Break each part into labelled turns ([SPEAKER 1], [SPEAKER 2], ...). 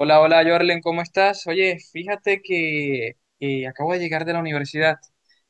[SPEAKER 1] Hola, hola, Jorlen, ¿cómo estás? Oye, fíjate que acabo de llegar de la universidad,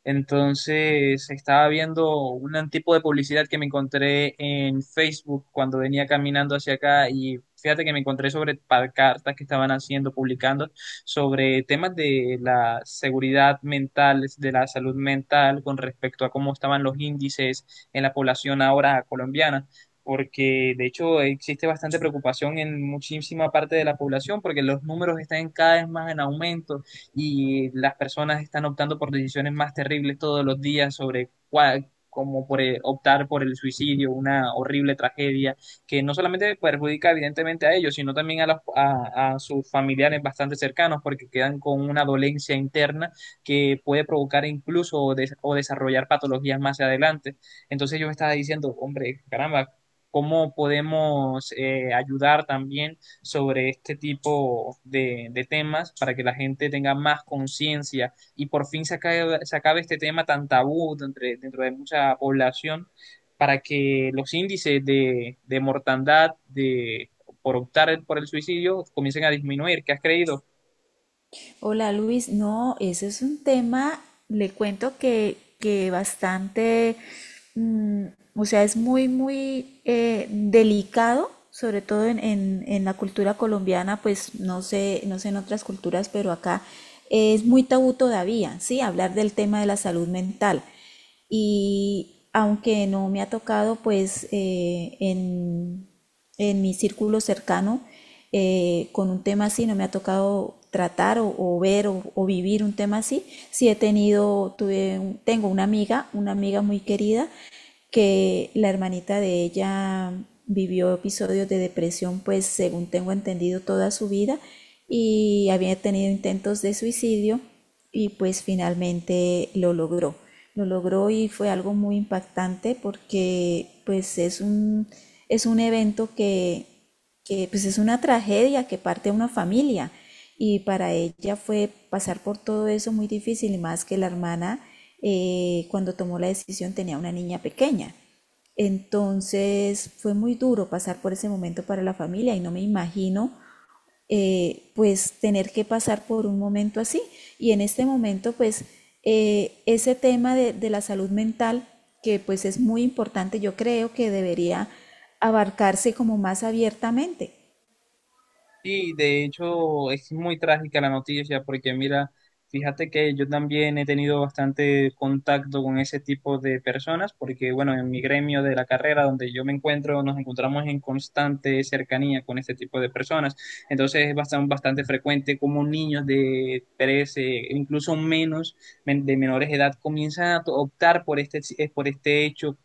[SPEAKER 1] entonces estaba viendo un tipo de publicidad que me encontré en Facebook cuando venía caminando hacia acá y fíjate que me encontré sobre pancartas que estaban haciendo, publicando sobre temas de la seguridad mental, de la salud mental con respecto a cómo estaban los índices en la población ahora colombiana porque de hecho existe bastante preocupación en muchísima parte de la población, porque los números están cada vez más en aumento y las personas están optando por decisiones más terribles todos los días sobre cuál como por optar por el suicidio, una horrible tragedia que no solamente perjudica evidentemente a ellos, sino también a, a sus familiares bastante cercanos, porque quedan con una dolencia interna que puede provocar incluso o, o desarrollar patologías más adelante. Entonces yo me estaba diciendo, hombre, caramba, cómo podemos ayudar también sobre este tipo de temas para que la gente tenga más conciencia y por fin se acabe este tema tan tabú dentro de mucha población para que los índices de mortandad de, por optar por el suicidio comiencen a disminuir. ¿Qué has creído?
[SPEAKER 2] Hola Luis, no, ese es un tema, le cuento que bastante. Mm, o sea, es muy, muy delicado, sobre todo en, en la cultura colombiana, pues no sé, no sé en otras culturas, pero acá es muy tabú todavía, ¿sí? Hablar del tema de la salud mental. Y aunque no me ha tocado, pues en mi círculo cercano, con un tema así, no me ha tocado tratar o ver o vivir un tema así. Sí he tenido, tuve, tengo una amiga muy querida, que la hermanita de ella vivió episodios de depresión, pues según tengo entendido, toda su vida y había tenido intentos de suicidio y pues finalmente lo logró. Lo logró y fue algo muy impactante porque pues es un evento que pues es una tragedia que parte a una familia, y para ella fue pasar por todo eso muy difícil, y más que la hermana, cuando tomó la decisión, tenía una niña pequeña. Entonces fue muy duro pasar por ese momento para la familia y no me imagino, pues, tener que pasar por un momento así. Y en este momento, pues, ese tema de la salud mental, que pues es muy importante, yo creo que debería abarcarse como más abiertamente.
[SPEAKER 1] Sí, de hecho es muy trágica la noticia porque mira, fíjate que yo también he tenido bastante contacto con ese tipo de personas porque bueno, en mi gremio de la carrera donde yo me encuentro nos encontramos en constante cercanía con este tipo de personas. Entonces es bastante, bastante frecuente como niños de 13 incluso menos, de menores de edad comienzan a optar por este hecho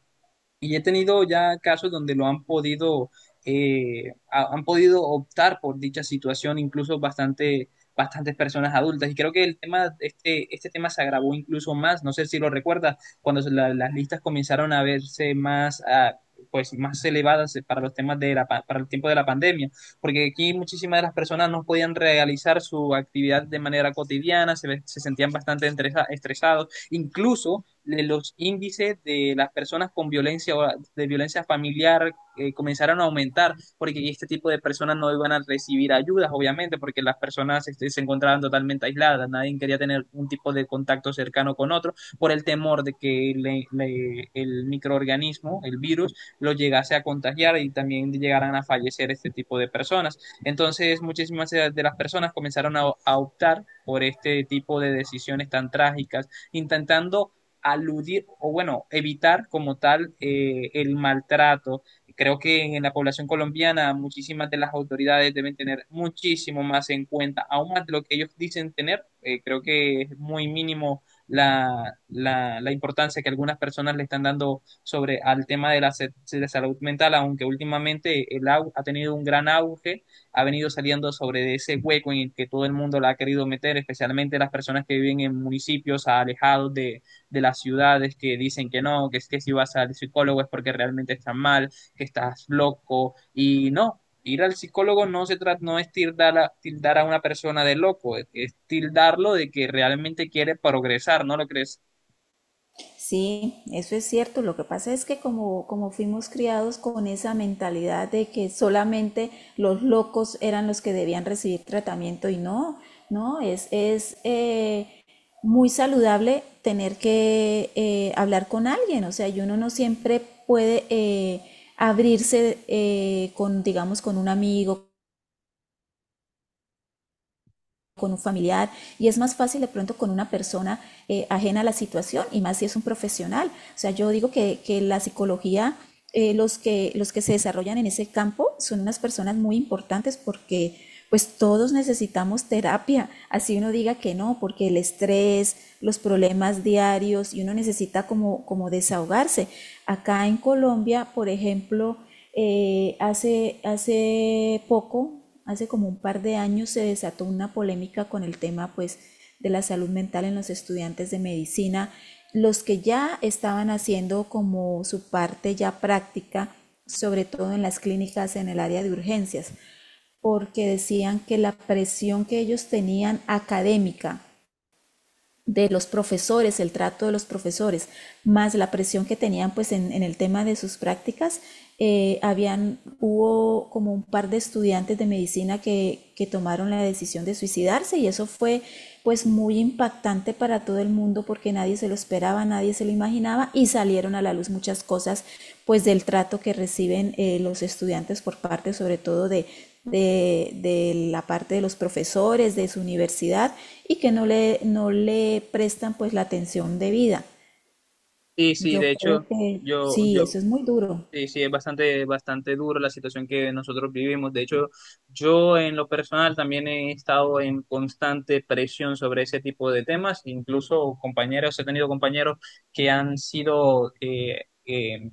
[SPEAKER 1] y he tenido ya casos donde lo han podido, han podido optar por dicha situación, incluso bastante, bastantes personas adultas. Y creo que el tema, este tema se agravó incluso más, no sé si lo recuerdas, cuando las listas comenzaron a verse más, ah, pues, más elevadas para los temas de la, para el tiempo de la pandemia, porque aquí muchísimas de las personas no podían realizar su actividad de manera cotidiana, se, se sentían bastante estresados, incluso los índices de las personas con violencia o de violencia familiar comenzaron a aumentar, porque este tipo de personas no iban a recibir ayudas, obviamente, porque las personas este, se encontraban totalmente aisladas, nadie quería tener un tipo de contacto cercano con otro por el temor de que el microorganismo, el virus, lo llegase a contagiar y también llegaran a fallecer este tipo de personas. Entonces, muchísimas de las personas comenzaron a optar por este tipo de decisiones tan trágicas, intentando aludir o bueno, evitar como tal el maltrato. Creo que en la población colombiana muchísimas de las autoridades deben tener muchísimo más en cuenta, aún más de lo que ellos dicen tener. Creo que es muy mínimo la, la importancia que algunas personas le están dando sobre al tema de la, de la salud mental, aunque últimamente el ha tenido un gran auge, ha venido saliendo sobre de ese hueco en el que todo el mundo la ha querido meter, especialmente las personas que viven en municipios alejados de las ciudades que dicen que no, que es que si vas al psicólogo es porque realmente estás mal, que estás loco, y no, ir al psicólogo no se trata, no es tildar a, tildar a una persona de loco, es tildarlo de que realmente quiere progresar, ¿no lo crees?
[SPEAKER 2] Sí, eso es cierto. Lo que pasa es que, como fuimos criados con esa mentalidad de que solamente los locos eran los que debían recibir tratamiento, y no, no, es muy saludable tener que hablar con alguien. O sea, y uno no siempre puede abrirse, con, digamos, con un amigo, con un familiar, y es más fácil de pronto con una persona ajena a la situación, y más si es un profesional. O sea, yo digo que la psicología, los que se desarrollan en ese campo son unas personas muy importantes, porque pues todos necesitamos terapia, así uno diga que no, porque el estrés, los problemas diarios, y uno necesita como, desahogarse. Acá en Colombia, por ejemplo, hace poco, hace como un par de años, se desató una polémica con el tema, pues, de la salud mental en los estudiantes de medicina, los que ya estaban haciendo como su parte ya práctica, sobre todo en las clínicas en el área de urgencias, porque decían que la presión que ellos tenían académica, de los profesores, el trato de los profesores, más la presión que tenían pues en el tema de sus prácticas, hubo como un par de estudiantes de medicina que, tomaron la decisión de suicidarse, y eso fue pues muy impactante para todo el mundo, porque nadie se lo esperaba, nadie se lo imaginaba, y salieron a la luz muchas cosas, pues, del trato que reciben, los estudiantes, por parte sobre todo de la parte de los profesores, de su universidad, y que no le, no le prestan pues la atención debida.
[SPEAKER 1] Sí, sí,
[SPEAKER 2] Yo
[SPEAKER 1] de
[SPEAKER 2] creo
[SPEAKER 1] hecho,
[SPEAKER 2] que
[SPEAKER 1] yo,
[SPEAKER 2] sí,
[SPEAKER 1] yo
[SPEAKER 2] eso es muy duro.
[SPEAKER 1] Sí, sí, es bastante, bastante duro la situación que nosotros vivimos. De hecho, yo en lo personal también he estado en constante presión sobre ese tipo de temas. Incluso compañeros, he tenido compañeros que han sido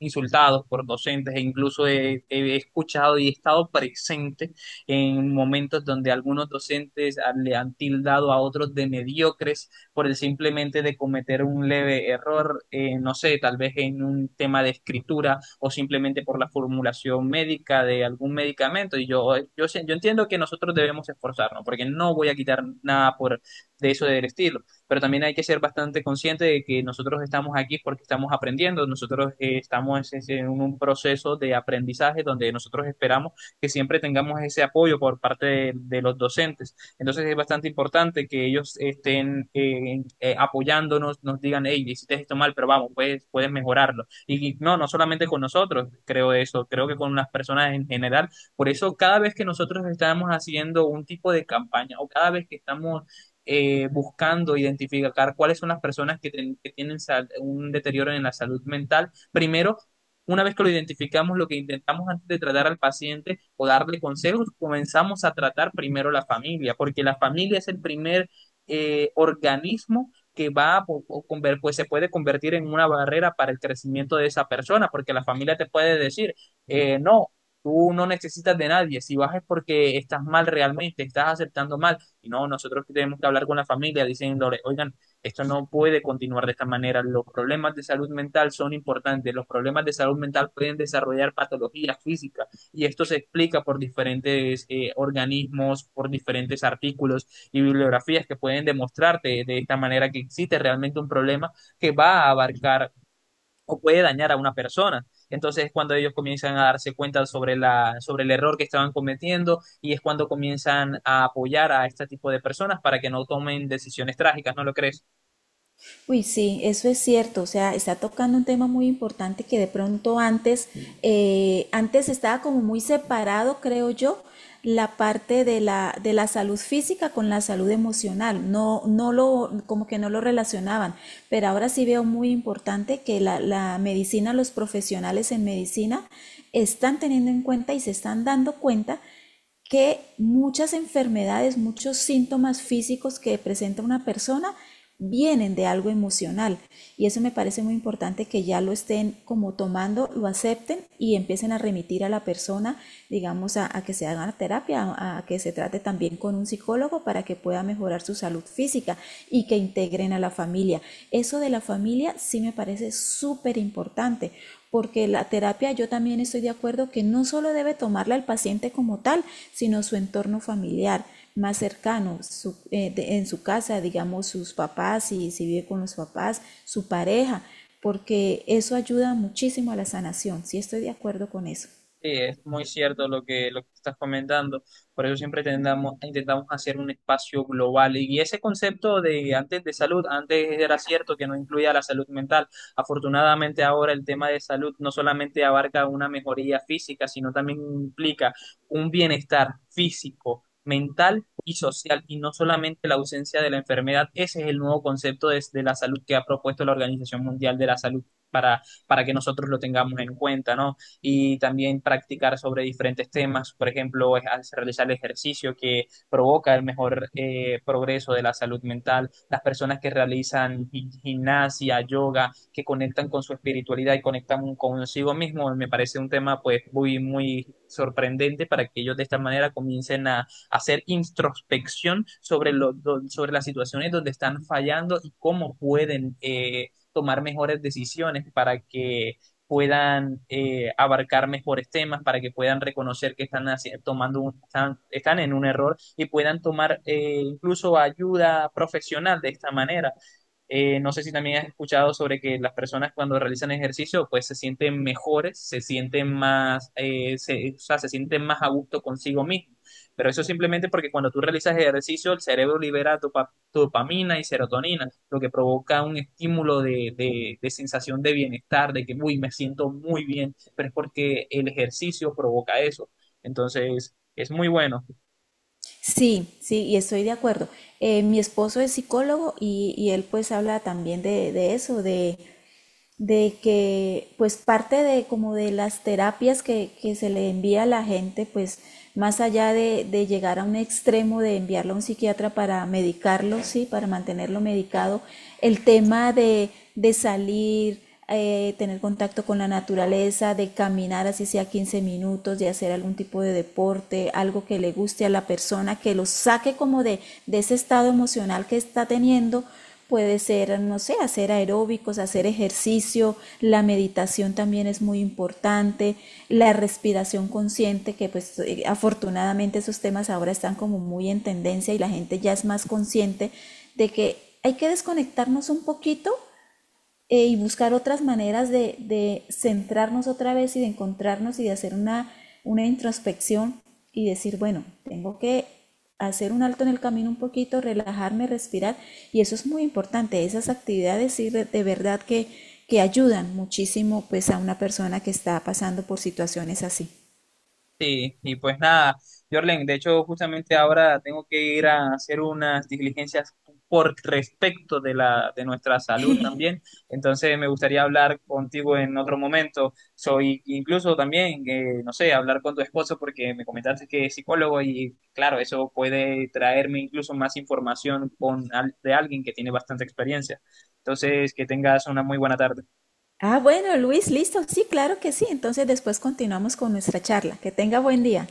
[SPEAKER 1] insultados por docentes e incluso he escuchado y he estado presente en momentos donde algunos docentes le han tildado a otros de mediocres por el simplemente de cometer un leve error, no sé, tal vez en un tema de escritura o simplemente por la formulación médica de algún medicamento. Y yo entiendo que nosotros debemos esforzarnos porque no voy a quitar nada por, de eso del estilo pero también hay que ser bastante consciente de que nosotros estamos aquí porque estamos aprendiendo, nosotros estamos en un proceso de aprendizaje donde nosotros esperamos que siempre tengamos ese apoyo por parte de los docentes. Entonces es bastante importante que ellos estén apoyándonos, nos digan, hey, hiciste esto mal, pero vamos, puedes mejorarlo. Y no, no solamente con nosotros, creo eso, creo que con las personas en general. Por eso cada vez que nosotros estamos haciendo un tipo de campaña o cada vez que estamos buscando identificar cuáles son las personas que, que tienen un deterioro en la salud mental. Primero, una vez que lo identificamos, lo que intentamos antes de tratar al paciente o darle consejos, comenzamos a tratar primero la familia, porque la familia es el primer organismo que va a pues se puede convertir en una barrera para el crecimiento de esa persona, porque la familia te puede decir, no, tú no necesitas de nadie, si vas es porque estás mal realmente, estás aceptando mal y no, nosotros tenemos que hablar con la familia diciéndole, oigan, esto no puede continuar de esta manera, los problemas de salud mental son importantes, los problemas de salud mental pueden desarrollar patologías físicas y esto se explica por diferentes organismos, por diferentes artículos y bibliografías que pueden demostrarte de esta manera que existe realmente un problema que va a abarcar o puede dañar a una persona. Entonces es cuando ellos comienzan a darse cuenta sobre la, sobre el error que estaban cometiendo y es cuando comienzan a apoyar a este tipo de personas para que no tomen decisiones trágicas, ¿no lo crees?
[SPEAKER 2] Uy, sí, eso es cierto, o sea, está tocando un tema muy importante que de pronto antes estaba como muy separado, creo yo, la parte de la salud física con la salud emocional, no, como que no lo relacionaban, pero ahora sí veo muy importante que la medicina, los profesionales en medicina, están teniendo en cuenta y se están dando cuenta que muchas enfermedades, muchos síntomas físicos que presenta una persona, vienen de algo emocional. Y eso me parece muy importante, que ya lo estén como tomando, lo acepten, y empiecen a remitir a la persona, digamos, a que se haga terapia, a, que se trate también con un psicólogo, para que pueda mejorar su salud física, y que integren a la familia. Eso de la familia sí me parece súper importante, porque la terapia, yo también estoy de acuerdo que no solo debe tomarla el paciente como tal, sino su entorno familiar más cercano, en su casa, digamos, sus papás, si, si vive con los papás, su pareja, porque eso ayuda muchísimo a la sanación, sí estoy de acuerdo con eso.
[SPEAKER 1] Sí, es muy cierto lo que estás comentando. Por eso siempre intentamos hacer un espacio global. Y ese concepto de antes de salud, antes era cierto que no incluía la salud mental. Afortunadamente ahora el tema de salud no solamente abarca una mejoría física, sino también implica un bienestar físico, mental y social, y no solamente la ausencia de la enfermedad. Ese es el nuevo concepto de la salud que ha propuesto la Organización Mundial de la Salud para que nosotros lo tengamos en cuenta, ¿no? Y también practicar sobre diferentes temas, por ejemplo, es al realizar el ejercicio que provoca el mejor progreso de la salud mental, las personas que realizan gimnasia, yoga, que conectan con su espiritualidad y conectan consigo mismo, me parece un tema pues muy, muy sorprendente para que ellos de esta manera comiencen a hacer introspección sobre, sobre las situaciones donde están fallando y cómo pueden tomar mejores decisiones para que puedan abarcar mejores temas, para que puedan reconocer que están tomando están, están en un error y puedan tomar incluso ayuda profesional de esta manera. No sé si también has escuchado sobre que las personas cuando realizan ejercicio pues se sienten mejores, se sienten más, o sea, se sienten más a gusto consigo mismo. Pero eso simplemente porque cuando tú realizas ejercicio el cerebro libera dopamina y serotonina, lo que provoca un estímulo de, de sensación de bienestar, de que, uy, me siento muy bien, pero es porque el ejercicio provoca eso. Entonces, es muy bueno.
[SPEAKER 2] Sí, sí, y estoy de acuerdo. Mi esposo es psicólogo, y él pues habla también de, eso, de que, pues, parte de como de las terapias que se le envía a la gente, pues, más allá de, llegar a un extremo de enviarlo a un psiquiatra para medicarlo, sí, para mantenerlo medicado, el tema de salir, tener contacto con la naturaleza, de caminar así sea 15 minutos, de hacer algún tipo de deporte, algo que le guste a la persona, que lo saque como de ese estado emocional que está teniendo. Puede ser, no sé, hacer aeróbicos, hacer ejercicio, la meditación también es muy importante, la respiración consciente, que pues afortunadamente esos temas ahora están como muy en tendencia, y la gente ya es más consciente de que hay que desconectarnos un poquito, y buscar otras maneras de, centrarnos otra vez, y de encontrarnos, y de hacer una introspección, y decir, bueno, tengo que hacer un alto en el camino un poquito, relajarme, respirar. Y eso es muy importante. Esas actividades sí, de verdad que, ayudan muchísimo pues a una persona que está pasando por situaciones así.
[SPEAKER 1] Sí, y pues nada, Jorlen, de hecho justamente ahora tengo que ir a hacer unas diligencias por respecto de la de nuestra salud también, entonces me gustaría hablar contigo en otro momento, soy incluso también, no sé, hablar con tu esposo porque me comentaste que es psicólogo y claro, eso puede traerme incluso más información con de alguien que tiene bastante experiencia. Entonces, que tengas una muy buena tarde.
[SPEAKER 2] Ah, bueno, Luis, listo. Sí, claro que sí. Entonces después continuamos con nuestra charla. Que tenga buen día.